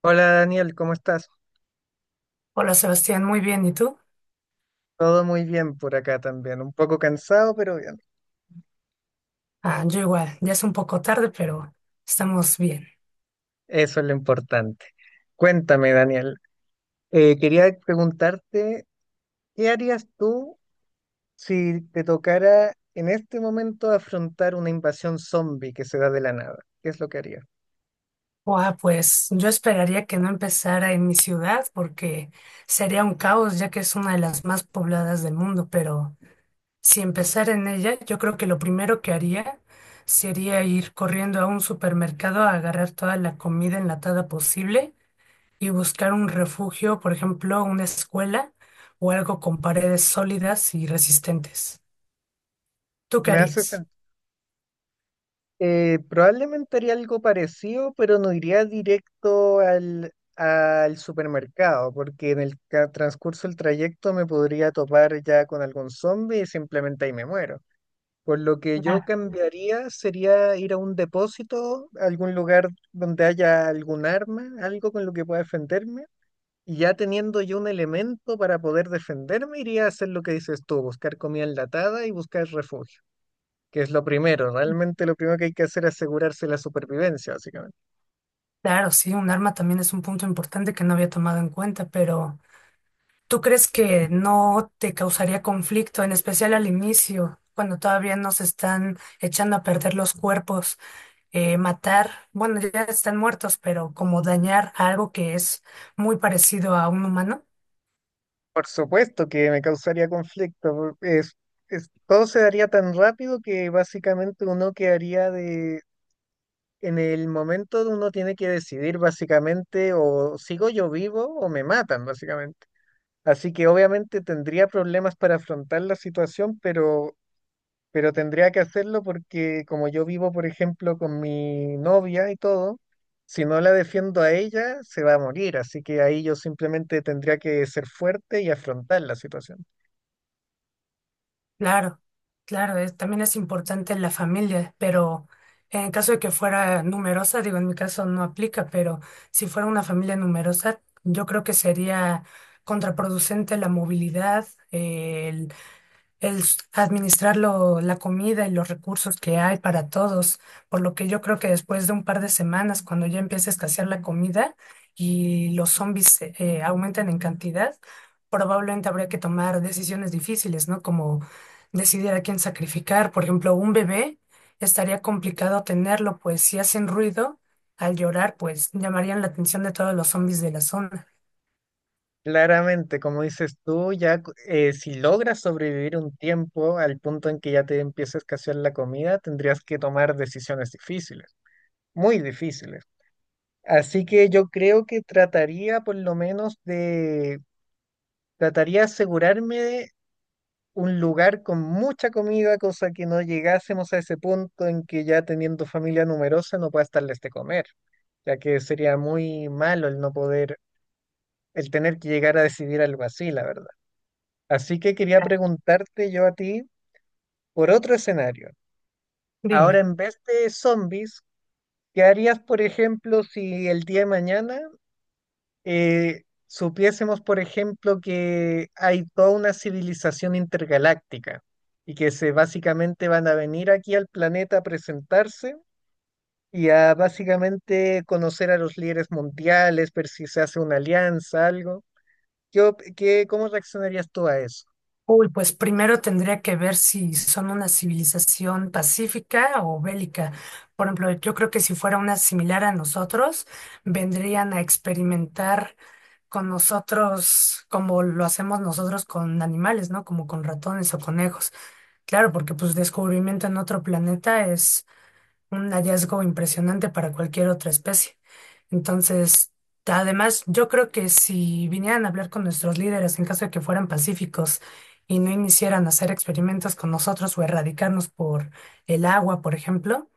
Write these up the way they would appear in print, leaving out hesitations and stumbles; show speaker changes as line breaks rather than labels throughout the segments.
Hola Daniel, ¿cómo estás?
Hola Sebastián, muy bien. ¿Y tú?
Todo muy bien por acá también, un poco cansado, pero bien.
Ah, yo igual, ya es un poco tarde, pero estamos bien.
Eso es lo importante. Cuéntame, Daniel, quería preguntarte, ¿qué harías tú si te tocara en este momento afrontar una invasión zombie que se da de la nada? ¿Qué es lo que harías?
Guau, pues yo esperaría que no empezara en mi ciudad porque sería un caos ya que es una de las más pobladas del mundo, pero si empezara en ella, yo creo que lo primero que haría sería ir corriendo a un supermercado a agarrar toda la comida enlatada posible y buscar un refugio, por ejemplo, una escuela o algo con paredes sólidas y resistentes. ¿Tú qué
Me haces
harías?
Probablemente haría algo parecido, pero no iría directo al supermercado, porque en el transcurso del trayecto me podría topar ya con algún zombie y simplemente ahí me muero. Por lo que yo cambiaría sería ir a un depósito, a algún lugar donde haya algún arma, algo con lo que pueda defenderme. Y ya teniendo yo un elemento para poder defenderme, iría a hacer lo que dices tú, buscar comida enlatada y buscar refugio, que es lo primero. Realmente lo primero que hay que hacer es asegurarse la supervivencia, básicamente.
Claro, sí, un arma también es un punto importante que no había tomado en cuenta, pero ¿tú crees que no te causaría conflicto, en especial al inicio, cuando todavía nos están echando a perder los cuerpos, matar, bueno, ya están muertos, pero como dañar a algo que es muy parecido a un humano?
Por supuesto que me causaría conflicto. Todo se daría tan rápido que básicamente uno quedaría de... En el momento de uno tiene que decidir básicamente o sigo yo vivo o me matan, básicamente. Así que obviamente tendría problemas para afrontar la situación, pero tendría que hacerlo porque como yo vivo, por ejemplo, con mi novia y todo, si no la defiendo a ella, se va a morir, así que ahí yo simplemente tendría que ser fuerte y afrontar la situación.
Claro, claro, también es importante la familia, pero en caso de que fuera numerosa, digo, en mi caso no aplica, pero si fuera una familia numerosa, yo creo que sería contraproducente la movilidad, administrar la comida y los recursos que hay para todos, por lo que yo creo que después de un par de semanas, cuando ya empiece a escasear la comida y los zombies aumentan en cantidad, probablemente habría que tomar decisiones difíciles, ¿no? Como decidir a quién sacrificar. Por ejemplo, un bebé estaría complicado tenerlo, pues si hacen ruido al llorar, pues llamarían la atención de todos los zombies de la zona.
Claramente, como dices tú, si logras sobrevivir un tiempo al punto en que ya te empieza a escasear la comida, tendrías que tomar decisiones difíciles, muy difíciles. Así que yo creo que trataría por lo menos de, trataría de asegurarme un lugar con mucha comida, cosa que no llegásemos a ese punto en que ya teniendo familia numerosa no puedas darles de comer, ya que sería muy malo el no poder, el tener que llegar a decidir algo así, la verdad. Así que quería preguntarte yo a ti por otro escenario. Ahora,
Dime.
en vez de zombies, ¿qué harías, por ejemplo, si el día de mañana supiésemos, por ejemplo, que hay toda una civilización intergaláctica y que se básicamente van a venir aquí al planeta a presentarse y a básicamente conocer a los líderes mundiales, ver si se hace una alianza, algo. ¿ Cómo reaccionarías tú a eso?
Uy, pues primero tendría que ver si son una civilización pacífica o bélica. Por ejemplo, yo creo que si fuera una similar a nosotros, vendrían a experimentar con nosotros como lo hacemos nosotros con animales, ¿no? Como con ratones o conejos. Claro, porque pues descubrimiento en otro planeta es un hallazgo impresionante para cualquier otra especie. Entonces, además, yo creo que si vinieran a hablar con nuestros líderes en caso de que fueran pacíficos y no iniciaran a hacer experimentos con nosotros o erradicarnos por el agua, por ejemplo,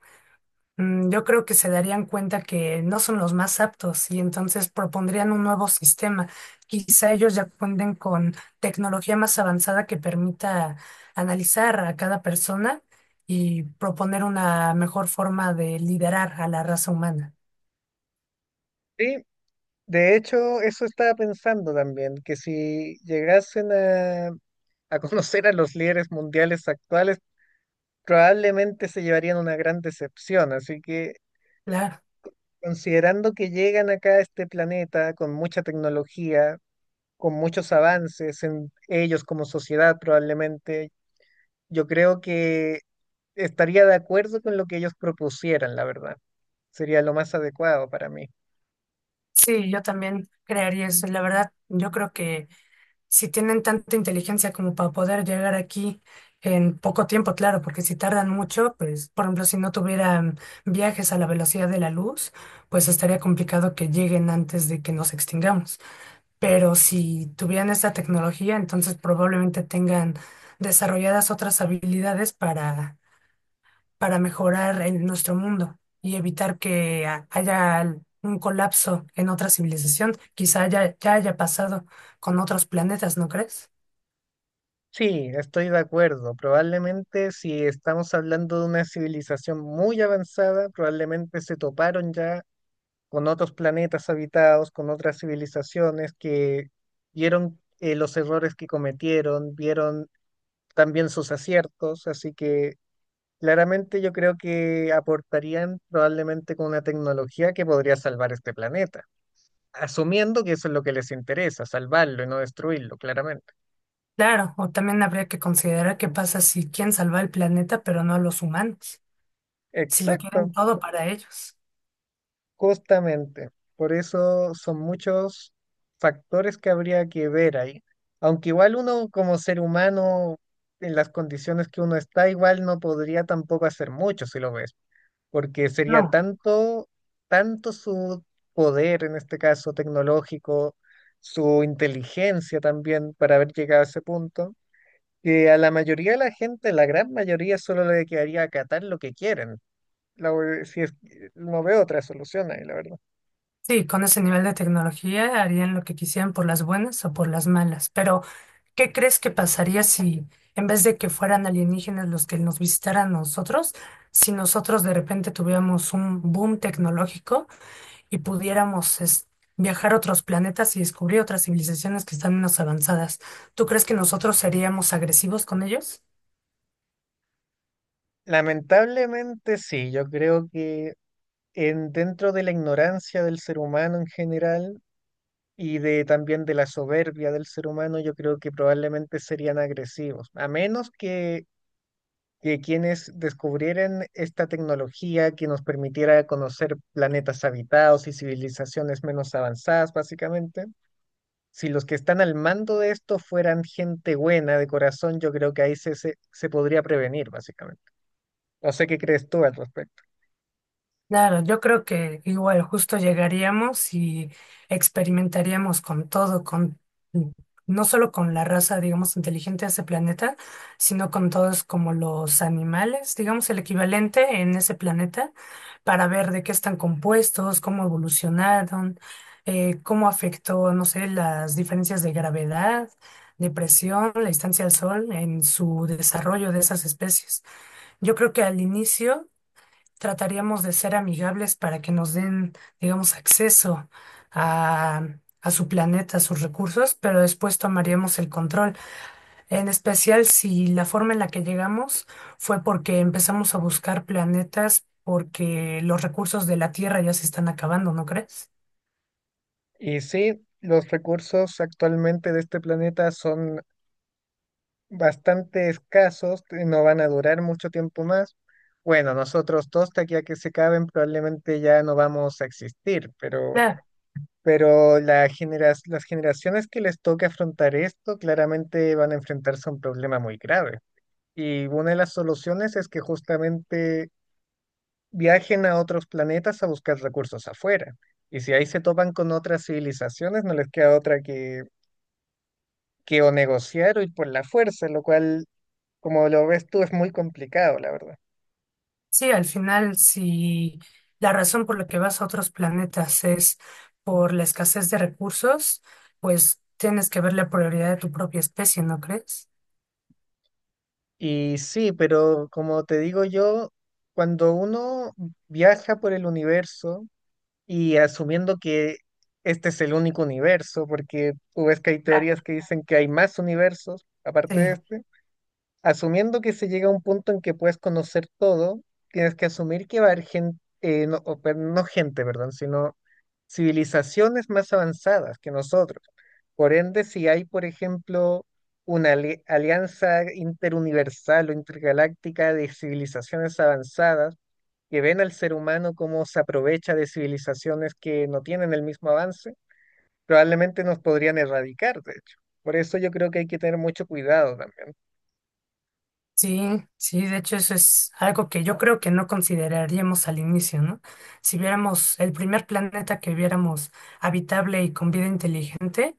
Yo creo que se darían cuenta que no son los más aptos y entonces propondrían un nuevo sistema. Quizá ellos ya cuenten con tecnología más avanzada que permita analizar a cada persona y proponer una mejor forma de liderar a la raza humana.
Sí, de hecho, eso estaba pensando también, que si llegasen a conocer a los líderes mundiales actuales, probablemente se llevarían una gran decepción, así que...
Claro,
Considerando que llegan acá a este planeta con mucha tecnología, con muchos avances en ellos como sociedad probablemente, yo creo que estaría de acuerdo con lo que ellos propusieran, la verdad. Sería lo más adecuado para mí.
sí, yo también crearía eso. La verdad, yo creo que si tienen tanta inteligencia como para poder llegar aquí en poco tiempo, claro, porque si tardan mucho, pues, por ejemplo, si no tuvieran viajes a la velocidad de la luz, pues estaría complicado que lleguen antes de que nos extingamos. Pero si tuvieran esta tecnología, entonces probablemente tengan desarrolladas otras habilidades para mejorar en nuestro mundo y evitar que haya un colapso en otra civilización. Quizá ya haya pasado con otros planetas, ¿no crees?
Sí, estoy de acuerdo. Probablemente si estamos hablando de una civilización muy avanzada, probablemente se toparon ya con otros planetas habitados, con otras civilizaciones que vieron los errores que cometieron, vieron también sus aciertos, así que claramente yo creo que aportarían probablemente con una tecnología que podría salvar este planeta, asumiendo que eso es lo que les interesa, salvarlo y no destruirlo, claramente.
Claro, o también habría que considerar qué pasa si quieren salvar el planeta, pero no a los humanos, si lo
Exacto,
quieren todo para ellos.
justamente. Por eso son muchos factores que habría que ver ahí. Aunque igual uno como ser humano, en las condiciones que uno está, igual no podría tampoco hacer mucho si lo ves, porque sería
No,
tanto, tanto su poder, en este caso tecnológico, su inteligencia también para haber llegado a ese punto, que a la mayoría de la gente, la gran mayoría, solo le quedaría acatar lo que quieren. La ve- si es- No veo otra solución ahí, la verdad.
sí, con ese nivel de tecnología harían lo que quisieran por las buenas o por las malas, pero ¿qué crees que pasaría si en vez de que fueran alienígenas los que nos visitaran a nosotros, si nosotros de repente tuviéramos un boom tecnológico y pudiéramos viajar a otros planetas y descubrir otras civilizaciones que están menos avanzadas? ¿Tú crees que nosotros seríamos agresivos con ellos?
Lamentablemente sí, yo creo que dentro de la ignorancia del ser humano en general y de también de la soberbia del ser humano, yo creo que probablemente serían agresivos, a menos que quienes descubrieran esta tecnología que nos permitiera conocer planetas habitados y civilizaciones menos avanzadas, básicamente. Si los que están al mando de esto fueran gente buena de corazón, yo creo que ahí se podría prevenir, básicamente. No sé qué crees tú al respecto.
Claro, yo creo que igual justo llegaríamos y experimentaríamos con todo, con no solo con la raza, digamos, inteligente de ese planeta, sino con todos como los animales, digamos, el equivalente en ese planeta, para ver de qué están compuestos, cómo evolucionaron, cómo afectó, no sé, las diferencias de gravedad, de presión, la distancia al sol en su desarrollo de esas especies. Yo creo que al inicio trataríamos de ser amigables para que nos den, digamos, acceso a, a su planeta, a sus recursos, pero después tomaríamos el control. En especial si la forma en la que llegamos fue porque empezamos a buscar planetas porque los recursos de la Tierra ya se están acabando, ¿no crees?
Y sí, los recursos actualmente de este planeta son bastante escasos, no van a durar mucho tiempo más. Bueno, nosotros dos, de aquí a que se acaben, probablemente ya no vamos a existir, pero...
Claro,
Pero las generaciones que les toque afrontar esto claramente van a enfrentarse a un problema muy grave. Y una de las soluciones es que justamente viajen a otros planetas a buscar recursos afuera. Y si ahí se topan con otras civilizaciones, no les queda otra que o negociar o ir por la fuerza, lo cual, como lo ves tú, es muy complicado, la verdad.
sí, al final, si la razón por la que vas a otros planetas es por la escasez de recursos, pues tienes que ver la prioridad de tu propia especie, ¿no crees?
Y sí, pero como te digo yo, cuando uno viaja por el universo, y asumiendo que este es el único universo, porque tú ves que hay teorías que dicen que hay más universos aparte
Sí,
de este, asumiendo que se llega a un punto en que puedes conocer todo, tienes que asumir que va a haber gente, no, no gente, perdón, sino civilizaciones más avanzadas que nosotros. Por ende, si hay, por ejemplo, una alianza interuniversal o intergaláctica de civilizaciones avanzadas, que ven al ser humano cómo se aprovecha de civilizaciones que no tienen el mismo avance, probablemente nos podrían erradicar, de hecho. Por eso yo creo que hay que tener mucho cuidado también.
sí, sí, de hecho eso es algo que yo creo que no consideraríamos al inicio, ¿no? Si viéramos el primer planeta que viéramos habitable y con vida inteligente,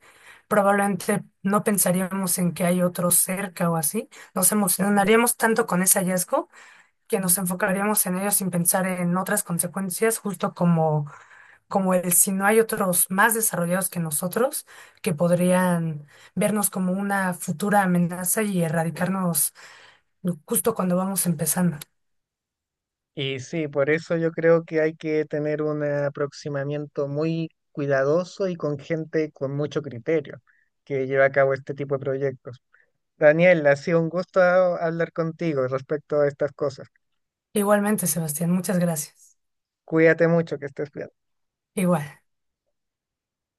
probablemente no pensaríamos en que hay otro cerca o así. Nos emocionaríamos tanto con ese hallazgo que nos enfocaríamos en ello sin pensar en otras consecuencias, justo como, como el si no hay otros más desarrollados que nosotros que podrían vernos como una futura amenaza y erradicarnos justo cuando vamos empezando.
Y sí, por eso yo creo que hay que tener un aproximamiento muy cuidadoso y con gente con mucho criterio que lleva a cabo este tipo de proyectos. Daniel, ha sido un gusto hablar contigo respecto a estas cosas.
Igualmente, Sebastián, muchas gracias.
Cuídate mucho, que estés bien.
Igual.